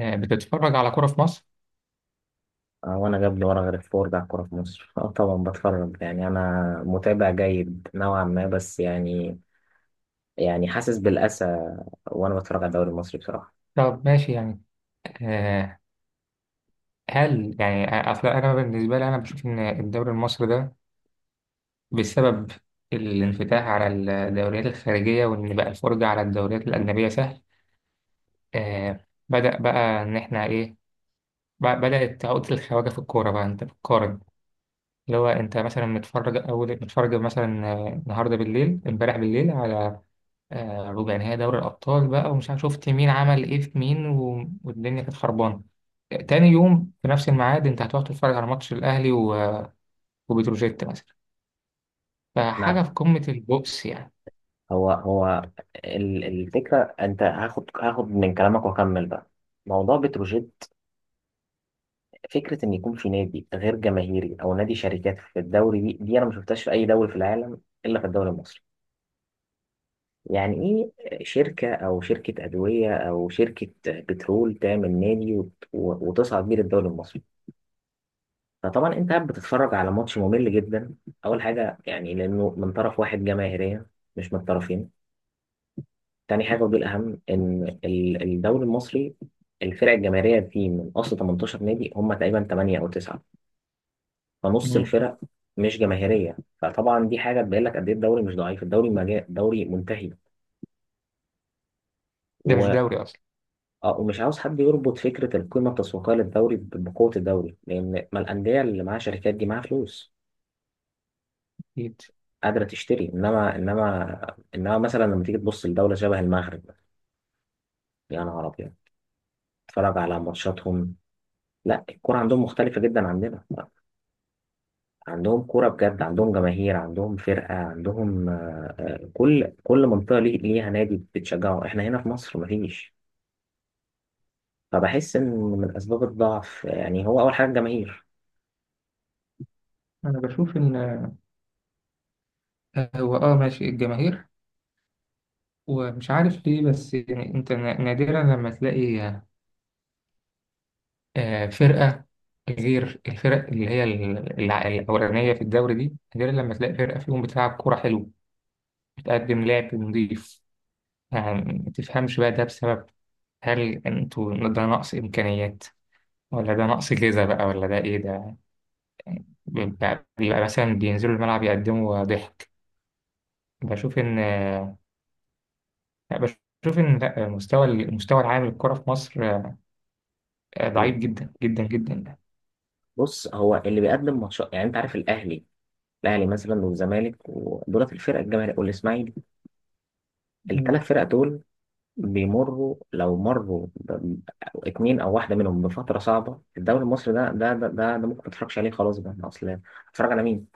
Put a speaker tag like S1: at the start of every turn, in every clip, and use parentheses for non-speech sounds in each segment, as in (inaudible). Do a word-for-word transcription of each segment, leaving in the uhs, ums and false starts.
S1: آه، بتتفرج على كرة في مصر؟
S2: آه، وانا جاب لي ورا غير الفور بتاع الكوره في مصر. اه طبعا بتفرج، يعني انا متابع جيد نوعا ما، بس يعني يعني حاسس بالاسى وانا بتفرج على الدوري المصري بصراحه.
S1: طب ماشي يعني. آه، هل يعني آه، أصل أنا بالنسبة لي أنا بشوف إن الدوري المصري ده بسبب الانفتاح على الدوريات الخارجية، وإن بقى الفرجة على الدوريات الأجنبية سهل. آه، بدأ بقى إن إحنا إيه، بقى- بدأت عقدة الخواجة في الكورة، بقى أنت بتقارن. اللي هو أنت مثلا متفرج، أول متفرج مثلا آه، النهاردة بالليل، إمبارح بالليل على آه، ربع نهائي دوري الأبطال، بقى ومش عارف شفت مين عمل إيه في مين و... والدنيا كانت خربانة. تاني يوم في نفس الميعاد أنت هتروح تتفرج على ماتش الأهلي و... وبتروجيت مثلا. فحاجة
S2: نعم.
S1: في قمة البؤس يعني.
S2: هو هو ال- الفكره انت هاخد هاخد من كلامك واكمل بقى موضوع بتروجيت. فكره ان يكون في نادي غير جماهيري او نادي شركات في الدوري، دي دي انا ما شفتهاش في اي دوري في العالم الا في الدوري المصري. يعني إيه، شركة أو شركة أدوية أو شركة بترول تعمل نادي وت- وتصعد بيه للدوري المصري؟ فطبعا أنت قاعد بتتفرج على ماتش ممل جدا. أول حاجة يعني، لأنه من طرف واحد جماهيرية مش من الطرفين. تاني حاجة، ودي الأهم، إن ال- الدوري المصري الفرق الجماهيرية فيه من أصل تمنتاشر نادي، هم تقريبا تمنية أو تسعة، فنص
S1: مم.
S2: الفرق مش جماهيرية. فطبعا دي حاجة تبين لك قد إيه الدوري مش ضعيف، الدوري مجا... دوري منتهي.
S1: ده مش
S2: و...
S1: دوري أصلا.
S2: اه، ومش عاوز حد يربط فكرة القيمة التسويقية للدوري ب- بقوة الدوري، لأن ما الأندية اللي معاها شركات دي معاها فلوس
S1: أكيد.
S2: قادرة تشتري. إنما إنما إنما مثلا لما تيجي تبص لدولة شبه المغرب، يا نهار أبيض، تتفرج على ماتشاتهم، لا الكرة عندهم مختلفة جدا عندنا. عندهم كرة بجد، عندهم جماهير، عندهم فرقة، عندهم، آه، آه، كل كل منطقة ليه- ليها نادي بتشجعه. إحنا هنا في مصر مفيش. فبحس إن من أسباب الضعف يعني هو أول حاجة الجماهير.
S1: أنا بشوف إن آه، هو أه ماشي الجماهير، ومش عارف ليه، بس يعني أنت نا- نادرا لما تلاقي آه، فرقة غير الفرق اللي هي ال- الع- الأولانية في الدوري دي. نادرا لما تلاقي فرقة فيهم بتلعب كورة حلوة، بتقدم لعب نظيف. يعني ما تفهمش بقى، ده بسبب، هل انتوا ده نقص إمكانيات، ولا ده نقص جيزة بقى، ولا ده إيه ده؟ بيبقى, بيبقى مثلا بينزلوا الملعب يقدموا ضحك. بشوف إن، لا بشوف إن لا، المستوى، المستوى العام للكرة في مصر آه، ضعيف جدا جدا جدا.
S2: بص، هو اللي بيقدم ماتشات يعني، انت عارف الاهلي. الاهلي مثلا والزمالك ودولت الفرق الجماهيريه والاسماعيلي، الثلاث
S1: مم.
S2: فرق دول بيمروا لو مروا ب- اتنين او واحده منهم بفتره صعبه، الدوري المصري ده ده ده ده, ده, ممكن متفرجش عليه خلاص، بقى اصل اتفرج على مين؟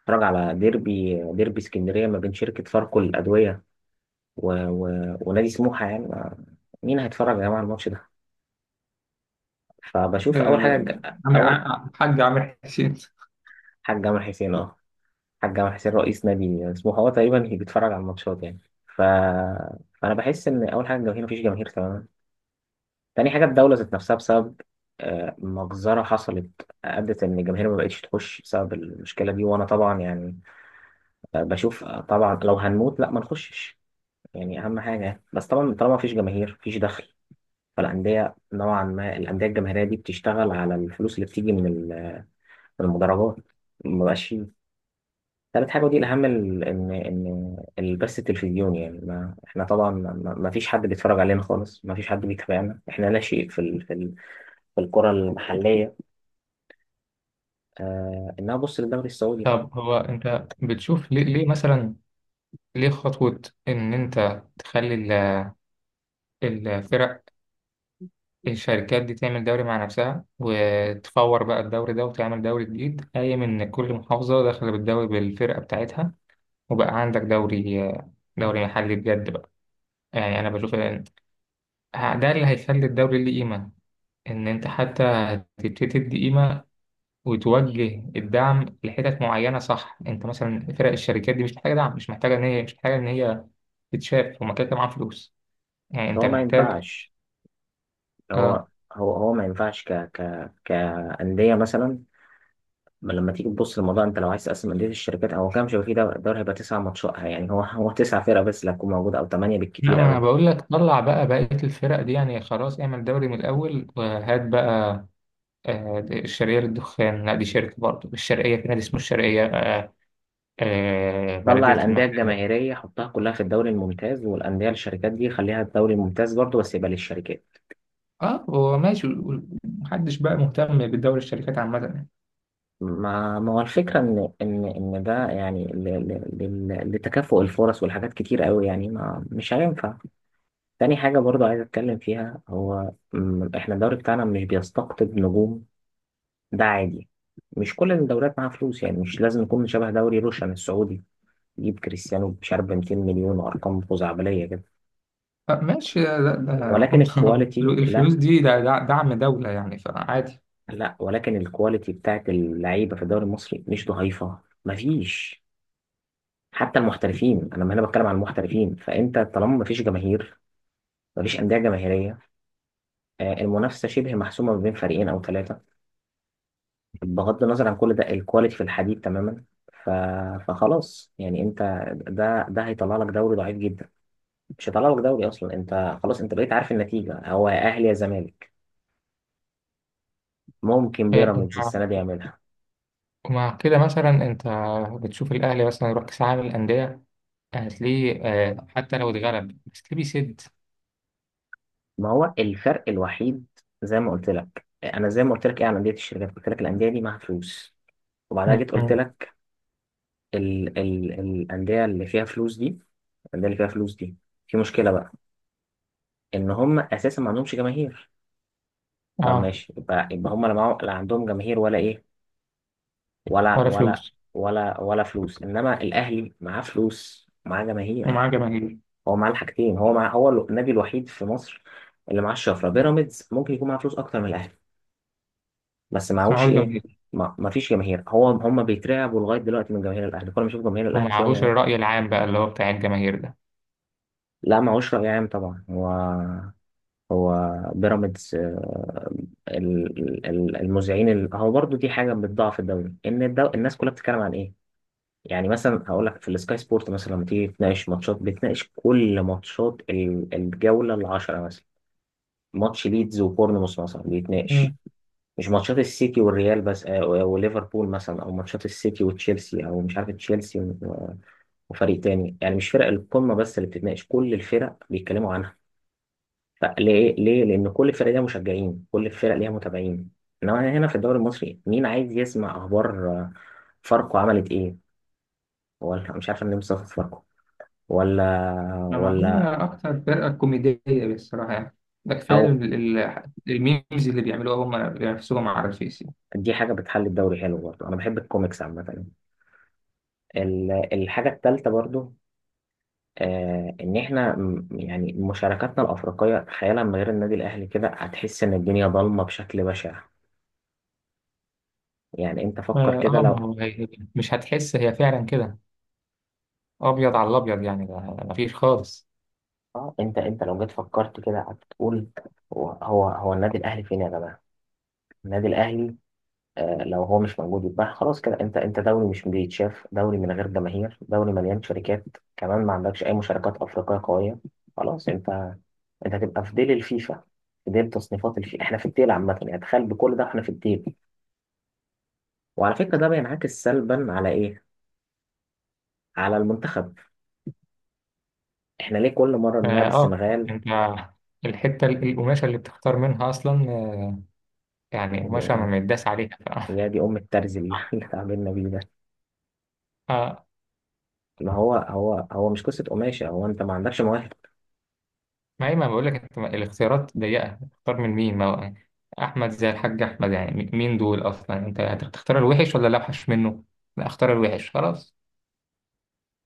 S2: اتفرج على ديربي، ديربي اسكندريه ما بين شركه فاركو للادويه و... و... ونادي سموحه، يعني ما- مين هيتفرج يا جماعه على الماتش ده؟ فبشوف اول حاجه
S1: آه،
S2: الج-
S1: عامر
S2: اول
S1: ع- حاج عامر حسين.
S2: حاجه جمال حسين، اه، حاج جمال حسين رئيس نادي اسمه هو تقريبا هي بيتفرج على الماتشات يعني. ف... فانا بحس ان اول حاجه الجماهير، مفيش جماهير تماما. تاني حاجه الدوله ذات نفسها، بسبب آه، مجزره حصلت، ادت ان الجماهير ما بقتش تخش بسبب المشكله دي. وانا طبعا يعني آه، بشوف آه، طبعا لو هنموت لا ما نخشش يعني، اهم حاجه. بس طبعا طالما مفيش جماهير مفيش دخل، فالانديه نوعا ما الانديه الجماهيريه دي بتشتغل على الفلوس اللي بتيجي من ال- من المدرجات، ما بقاش. ثالث حاجة ودي الأهم ال- إن إن البث التلفزيوني، يعني ما إحنا طبعا ما ما فيش حد بيتفرج علينا خالص، ما فيش حد بيتابعنا، إحنا لا شيء في ال في ال في الكرة المحلية. آه، إنها بص للدوري السعودي بقى.
S1: طب هو أنت بتشوف ليه, ليه مثلا ليه خطوة، إن أنت تخلي ال- الفرق، الشركات دي تعمل دوري مع نفسها، وتفور بقى الدوري ده، وتعمل دوري جديد قايم إن كل محافظة داخلة بالدوري بالفرقة بتاعتها، وبقى عندك دوري، دوري محلي بجد بقى. يعني أنا بشوف إن ده اللي هيخلي الدوري ليه قيمة، إن أنت حتى تبتدي تدي قيمة، وتوجه الدعم لحتت معينة. صح، أنت مثلا فرق الشركات دي مش محتاجة دعم، مش محتاجة إن هي، مش محتاجة إن هي تتشاف، هما كده كده معاهم فلوس. يعني أنت
S2: هو ما
S1: محتاج.
S2: ينفعش
S1: آه
S2: هو هو هو ما ينفعش ك ك كأندية مثلا. ما لما تيجي تبص للموضوع، أنت لو عايز تقسم أندية الشركات أو كام شبكة في دوري، دوري هيبقى تسع ماتشات يعني، هو هو تسع فرق بس اللي هتكون موجودة، أو ثمانية
S1: لا، ما
S2: بالكتير
S1: انا
S2: أوي.
S1: بقول لك طلع بقى بقية الفرق دي، يعني خلاص اعمل دوري من الاول وهات بقى آه، الشرقية للدخان. لا دي شركة برضه، الشرقية في نادي اسمه الشرقية. آه، آه،
S2: طلع
S1: بلدية
S2: الأندية
S1: المحلة.
S2: الجماهيرية حطها كلها في الدوري الممتاز، والأندية الشركات دي خليها الدوري الممتاز برضه بس يبقى للشركات.
S1: اه هو ماشي، محدش بقى مهتم بدوري الشركات عامة يعني.
S2: ما ما هو الفكرة إن إن إن ده يعني ل- ل- لل- لتكافؤ الفرص، والحاجات كتير قوي يعني ما مش هينفع. تاني حاجة برضه عايز أتكلم فيها، هو م، إحنا الدوري بتاعنا مش بيستقطب نجوم. ده عادي، مش كل الدوريات معاها فلوس يعني، مش لازم نكون شبه دوري روشن السعودي يجيب كريستيانو مش عارف ب 200 مليون وأرقام خزعبلية كده.
S1: آه، ماشي، ده ده
S2: ولكن
S1: هم. (laughs)
S2: الكواليتي لا.
S1: الفلوس دي، ده ده دعم دولة يعني، فعادي.
S2: لا، ولكن الكواليتي بتاعت اللعيبه في الدوري المصري مش ضعيفه. مفيش. حتى المحترفين، انا هنا بتكلم عن المحترفين، فانت طالما مفيش جماهير، مفيش انديه جماهيريه، آه، المنافسه شبه محسومه ما بين فريقين او ثلاثه، بغض النظر عن كل ده الكواليتي في الحديد تماما. ف... فخلاص يعني انت، ده ده هيطلع لك دوري ضعيف جدا، مش هيطلع لك دوري اصلا. انت خلاص، انت بقيت عارف النتيجه، هو يا اهلي يا زمالك، ممكن
S1: آه،
S2: بيراميدز
S1: ومع
S2: السنه دي يعملها.
S1: ومع كده مثلا انت بتشوف الاهلي مثلا يروح كاس العالم للاندية، هتلاقيه آه، حتى لو اتغلب، بس ليه بيسد.
S2: ما هو الفرق الوحيد، زي ما قلت لك انا، زي ما قلت لك ايه عن انديه الشركات، قلت لك الانديه دي معاها فلوس، وبعدها جيت قلت
S1: مم.
S2: لك ال ال الانديه اللي فيها فلوس دي، الانديه اللي فيها فلوس دي في مشكله بقى، ان هم اساسا ما عندهمش جماهير. طب
S1: اه.
S2: ماشي، يبقى يبقى هم لا معاهم- لا عندهم جماهير ولا ايه، ولا
S1: ولا
S2: ولا
S1: فلوس.
S2: ولا ولا فلوس، انما الاهلي معاه فلوس معاه
S1: ومعاه
S2: جماهير.
S1: جماهير.
S2: هو معاه الحاجتين، هو مع هو النادي الوحيد في مصر اللي معاه الشفره. بيراميدز ممكن يكون معاه فلوس اكتر من الاهلي، بس
S1: بس
S2: معهوش
S1: معهوش
S2: ايه،
S1: جماهير.
S2: ما ما فيش جماهير. هو هم بيترعبوا لغايه دلوقتي من جماهير الاهلي، كل ما اشوف جماهير الاهلي تلاقيهم
S1: ومعهوش
S2: يعني.
S1: الرأي العام بقى اللي هو بتاع الجماهير ده.
S2: لا معهوش راي عام طبعا، هو، هو بيراميدز آه، ال- ال- المذيعين، ال- هو برضو دي حاجه بتضعف الدوري، ان الدو... الناس كلها بتتكلم عن ايه. يعني مثلا هقول لك في السكاي سبورت مثلا، لما تيجي تناقش ماتشات بتناقش كل ماتشات ال- الجوله العشرة مثلا، ماتش ليدز وبورنموث مثلا بيتناقش،
S1: مم.
S2: مش ماتشات السيتي والريال بس آه، وليفربول مثلا، او ماتشات السيتي وتشيلسي، او مش عارف تشيلسي و- وفريق تاني يعني، مش فرق القمه بس اللي بتتناقش، كل الفرق بيتكلموا عنها. فليه؟ ليه لان كل الفرق ليها مشجعين، كل الفرق ليها متابعين. انما هنا في الدوري المصري مين عايز يسمع اخبار آه، فاركو عملت ايه، ولا مش عارف النمسا خسرت فاركو، ولا
S1: لما هي
S2: ولا
S1: أكتر فرقة كوميدية بالصراحة يعني، ده كفاية
S2: او
S1: ال- ال- الميمز اللي بيعملوها هم بنفسهم على الفيس يعني.
S2: دي حاجه بتحل الدوري حلو برضه، انا بحب الكوميكس عامه. ال- الحاجه الثالثه برضو آه، ان احنا م- يعني مشاركاتنا الافريقيه تخيلها من غير النادي الاهلي، كده هتحس ان الدنيا ضلمه بشكل بشع. يعني انت فكر
S1: اه
S2: كده
S1: آه، ما
S2: لو
S1: هو هي مش هتحس، هي فعلا كده أبيض على الأبيض. يعني ده، ده مفيش خالص.
S2: اه، انت انت لو جيت فكرت كده هتقول، هو هو هو النادي الاهلي فين يا جماعه، النادي الاهلي آه، لو هو مش موجود يبقى خلاص كده. انت انت دوري مش بيتشاف، دوري من غير جماهير، دوري مليان شركات، كمان ما عندكش اي مشاركات افريقيه قويه، خلاص انت، انت هتبقى في ديل الفيفا، في ديل تصنيفات الفيفا. احنا في الديل عامه يعني، تخيل بكل ده احنا في الديل. وعلى فكرة ده بينعكس سلبا على إيه؟ على المنتخب. إحنا ليه كل مرة
S1: اه
S2: بنلعب
S1: آه،
S2: السنغال؟
S1: أنت الحتة ال- القماشة اللي بتختار منها أصلا، آه، يعني
S2: يا دي
S1: قماشة ما
S2: أم،
S1: متداس عليها ف...
S2: يا
S1: (laughs)
S2: دي أم، الترز اللي (laughs) اللي اتعاملنا بيه ده.
S1: آه،
S2: ما هو هو هو مش قصة قماشة، هو أنت ما عندكش مواهب.
S1: ما هي ما بقول لك، انت ما- الاختيارات ضيقه، اختار من مين؟ ما هو احمد زي الحاج احمد، يعني م- مين دول اصلا؟ انت هتختار الوحش ولا الاوحش منه؟ لا اختار الوحش خلاص.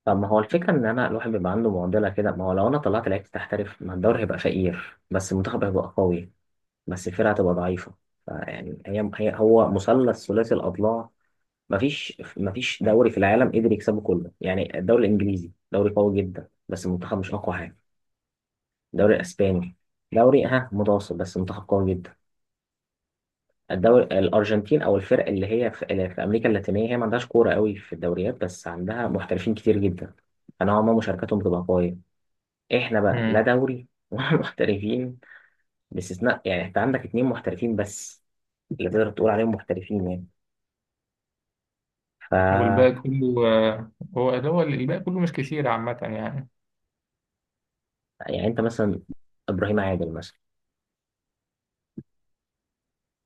S2: طب ما هو الفكرة إن أنا الواحد بيبقى عنده معضلة كده، ما هو لو أنا طلعت لعيبة تحترف ما الدوري هيبقى فقير، بس المنتخب هيبقى قوي، بس الفرقة هتبقى ضعيفة. فيعني هي هي هو مثلث ثلاثي الأضلاع، مفيش مفيش دوري في العالم قدر يكسبه كله، يعني الدوري الإنجليزي دوري قوي جدا بس المنتخب مش أقوى حاجة. الدوري الاسباني دوري ها متوسط بس منتخب قوي جدا. الدوري الارجنتين، او الفرق اللي هي في, اللي في امريكا اللاتينيه، هي ما عندهاش كوره قوي في الدوريات بس عندها محترفين كتير جدا، فنوعا ما مشاركتهم بتبقى قويه. احنا بقى لا
S1: امم.
S2: دوري ولا (laughs) محترفين، باستثناء يعني، انت عندك اتنين محترفين بس اللي تقدر تقول عليهم محترفين يعني. ف،
S1: والباقي كله آه، هو اللي هو الباقي كله مش كتير عامه يعني.
S2: يعني انت مثلا ابراهيم عادل مثلا.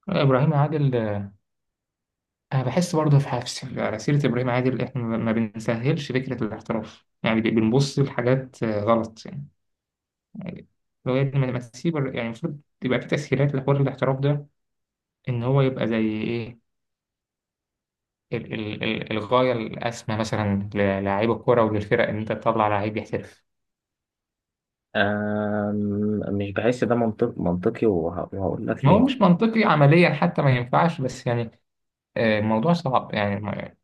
S1: ابراهيم عادل آه، انا بحس برضه في حفص على سيره ابراهيم عادل، احنا ما ما بنسهلش فكره الاحتراف، يعني ب- بنبص لحاجات آه، غلط يعني. يعني لو يا ابني ما ما تسيب الر- يعني المفروض تبقى في تسهيلات لحوار الاحتراف ده، ان هو يبقى زي ايه، ال- ال- ال- الغاية الأسمى مثلا للاعيب الكرة وللفرق، إن أنت تطلع لعيب يحترف.
S2: أم... مش بحس ده منطق منطقي، وه... وهقول لك
S1: هو
S2: ليه.
S1: مش منطقي عمليا، حتى ما ينفعش، بس يعني آه، الموضوع صعب يعني ما-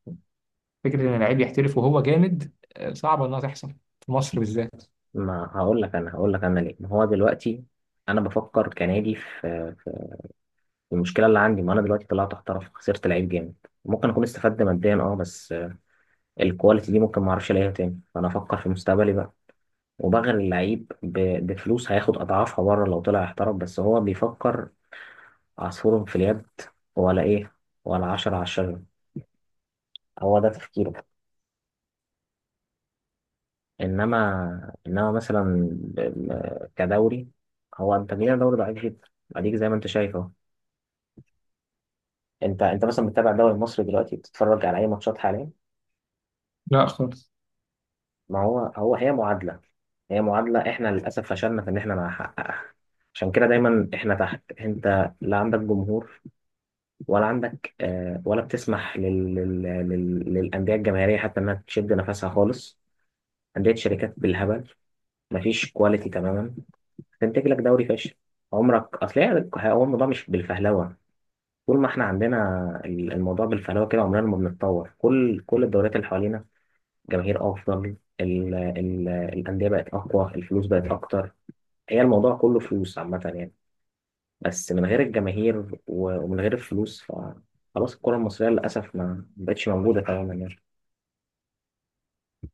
S1: فكرة إن اللعيب يحترف وهو جامد آه، صعبة إنها تحصل في مصر بالذات.
S2: ما هقول لك انا هقول لك انا ليه. ما هو دلوقتي انا بفكر كنادي في، في المشكله اللي عندي، ما انا دلوقتي طلعت احترف خسرت لعيب جامد، ممكن اكون استفدت ماديا اه، بس الكواليتي دي ممكن ما اعرفش الاقيها تاني، فانا افكر في مستقبلي بقى. وبغير اللعيب ب- بفلوس هياخد اضعافها بره لو طلع احترف، بس هو بيفكر عصفور في اليد ولا ايه، ولا عشرة على الشجرة، هو ده تفكيره. انما انما مثلا ب- ب- كدوري، هو انت جينا دوري ضعيف جدا، اديك زي ما انت شايف. انت انت مثلا بتتابع الدوري المصري دلوقتي، بتتفرج على اي ماتشات حاليا؟
S1: لا خالص.
S2: ما هو هو هي معادله، هي معادله احنا للاسف فشلنا في ان احنا نحققها، عشان كده دايما احنا تحت. انت لا عندك جمهور، ولا عندك آه، ولا بتسمح لل... لل... لل... للانديه الجماهيريه حتى انها تشد نفسها خالص، انديه شركات بالهبل، مفيش كواليتي تماما، تنتج لك دوري فاشل. عمرك، اصل هي- هو الموضوع مش بالفهلوه، طول ما احنا عندنا الموضوع بالفهلوه كده عمرنا ما بنتطور. كل كل الدوريات اللي حوالينا، جماهير افضل، ال ال الانديه بقت اقوى، الفلوس بقت اكتر، هي الموضوع كله فلوس عامه يعني، بس من غير الجماهير و- ومن غير الفلوس فخلاص الكره المصريه للاسف ما بقتش موجوده تماما يعني.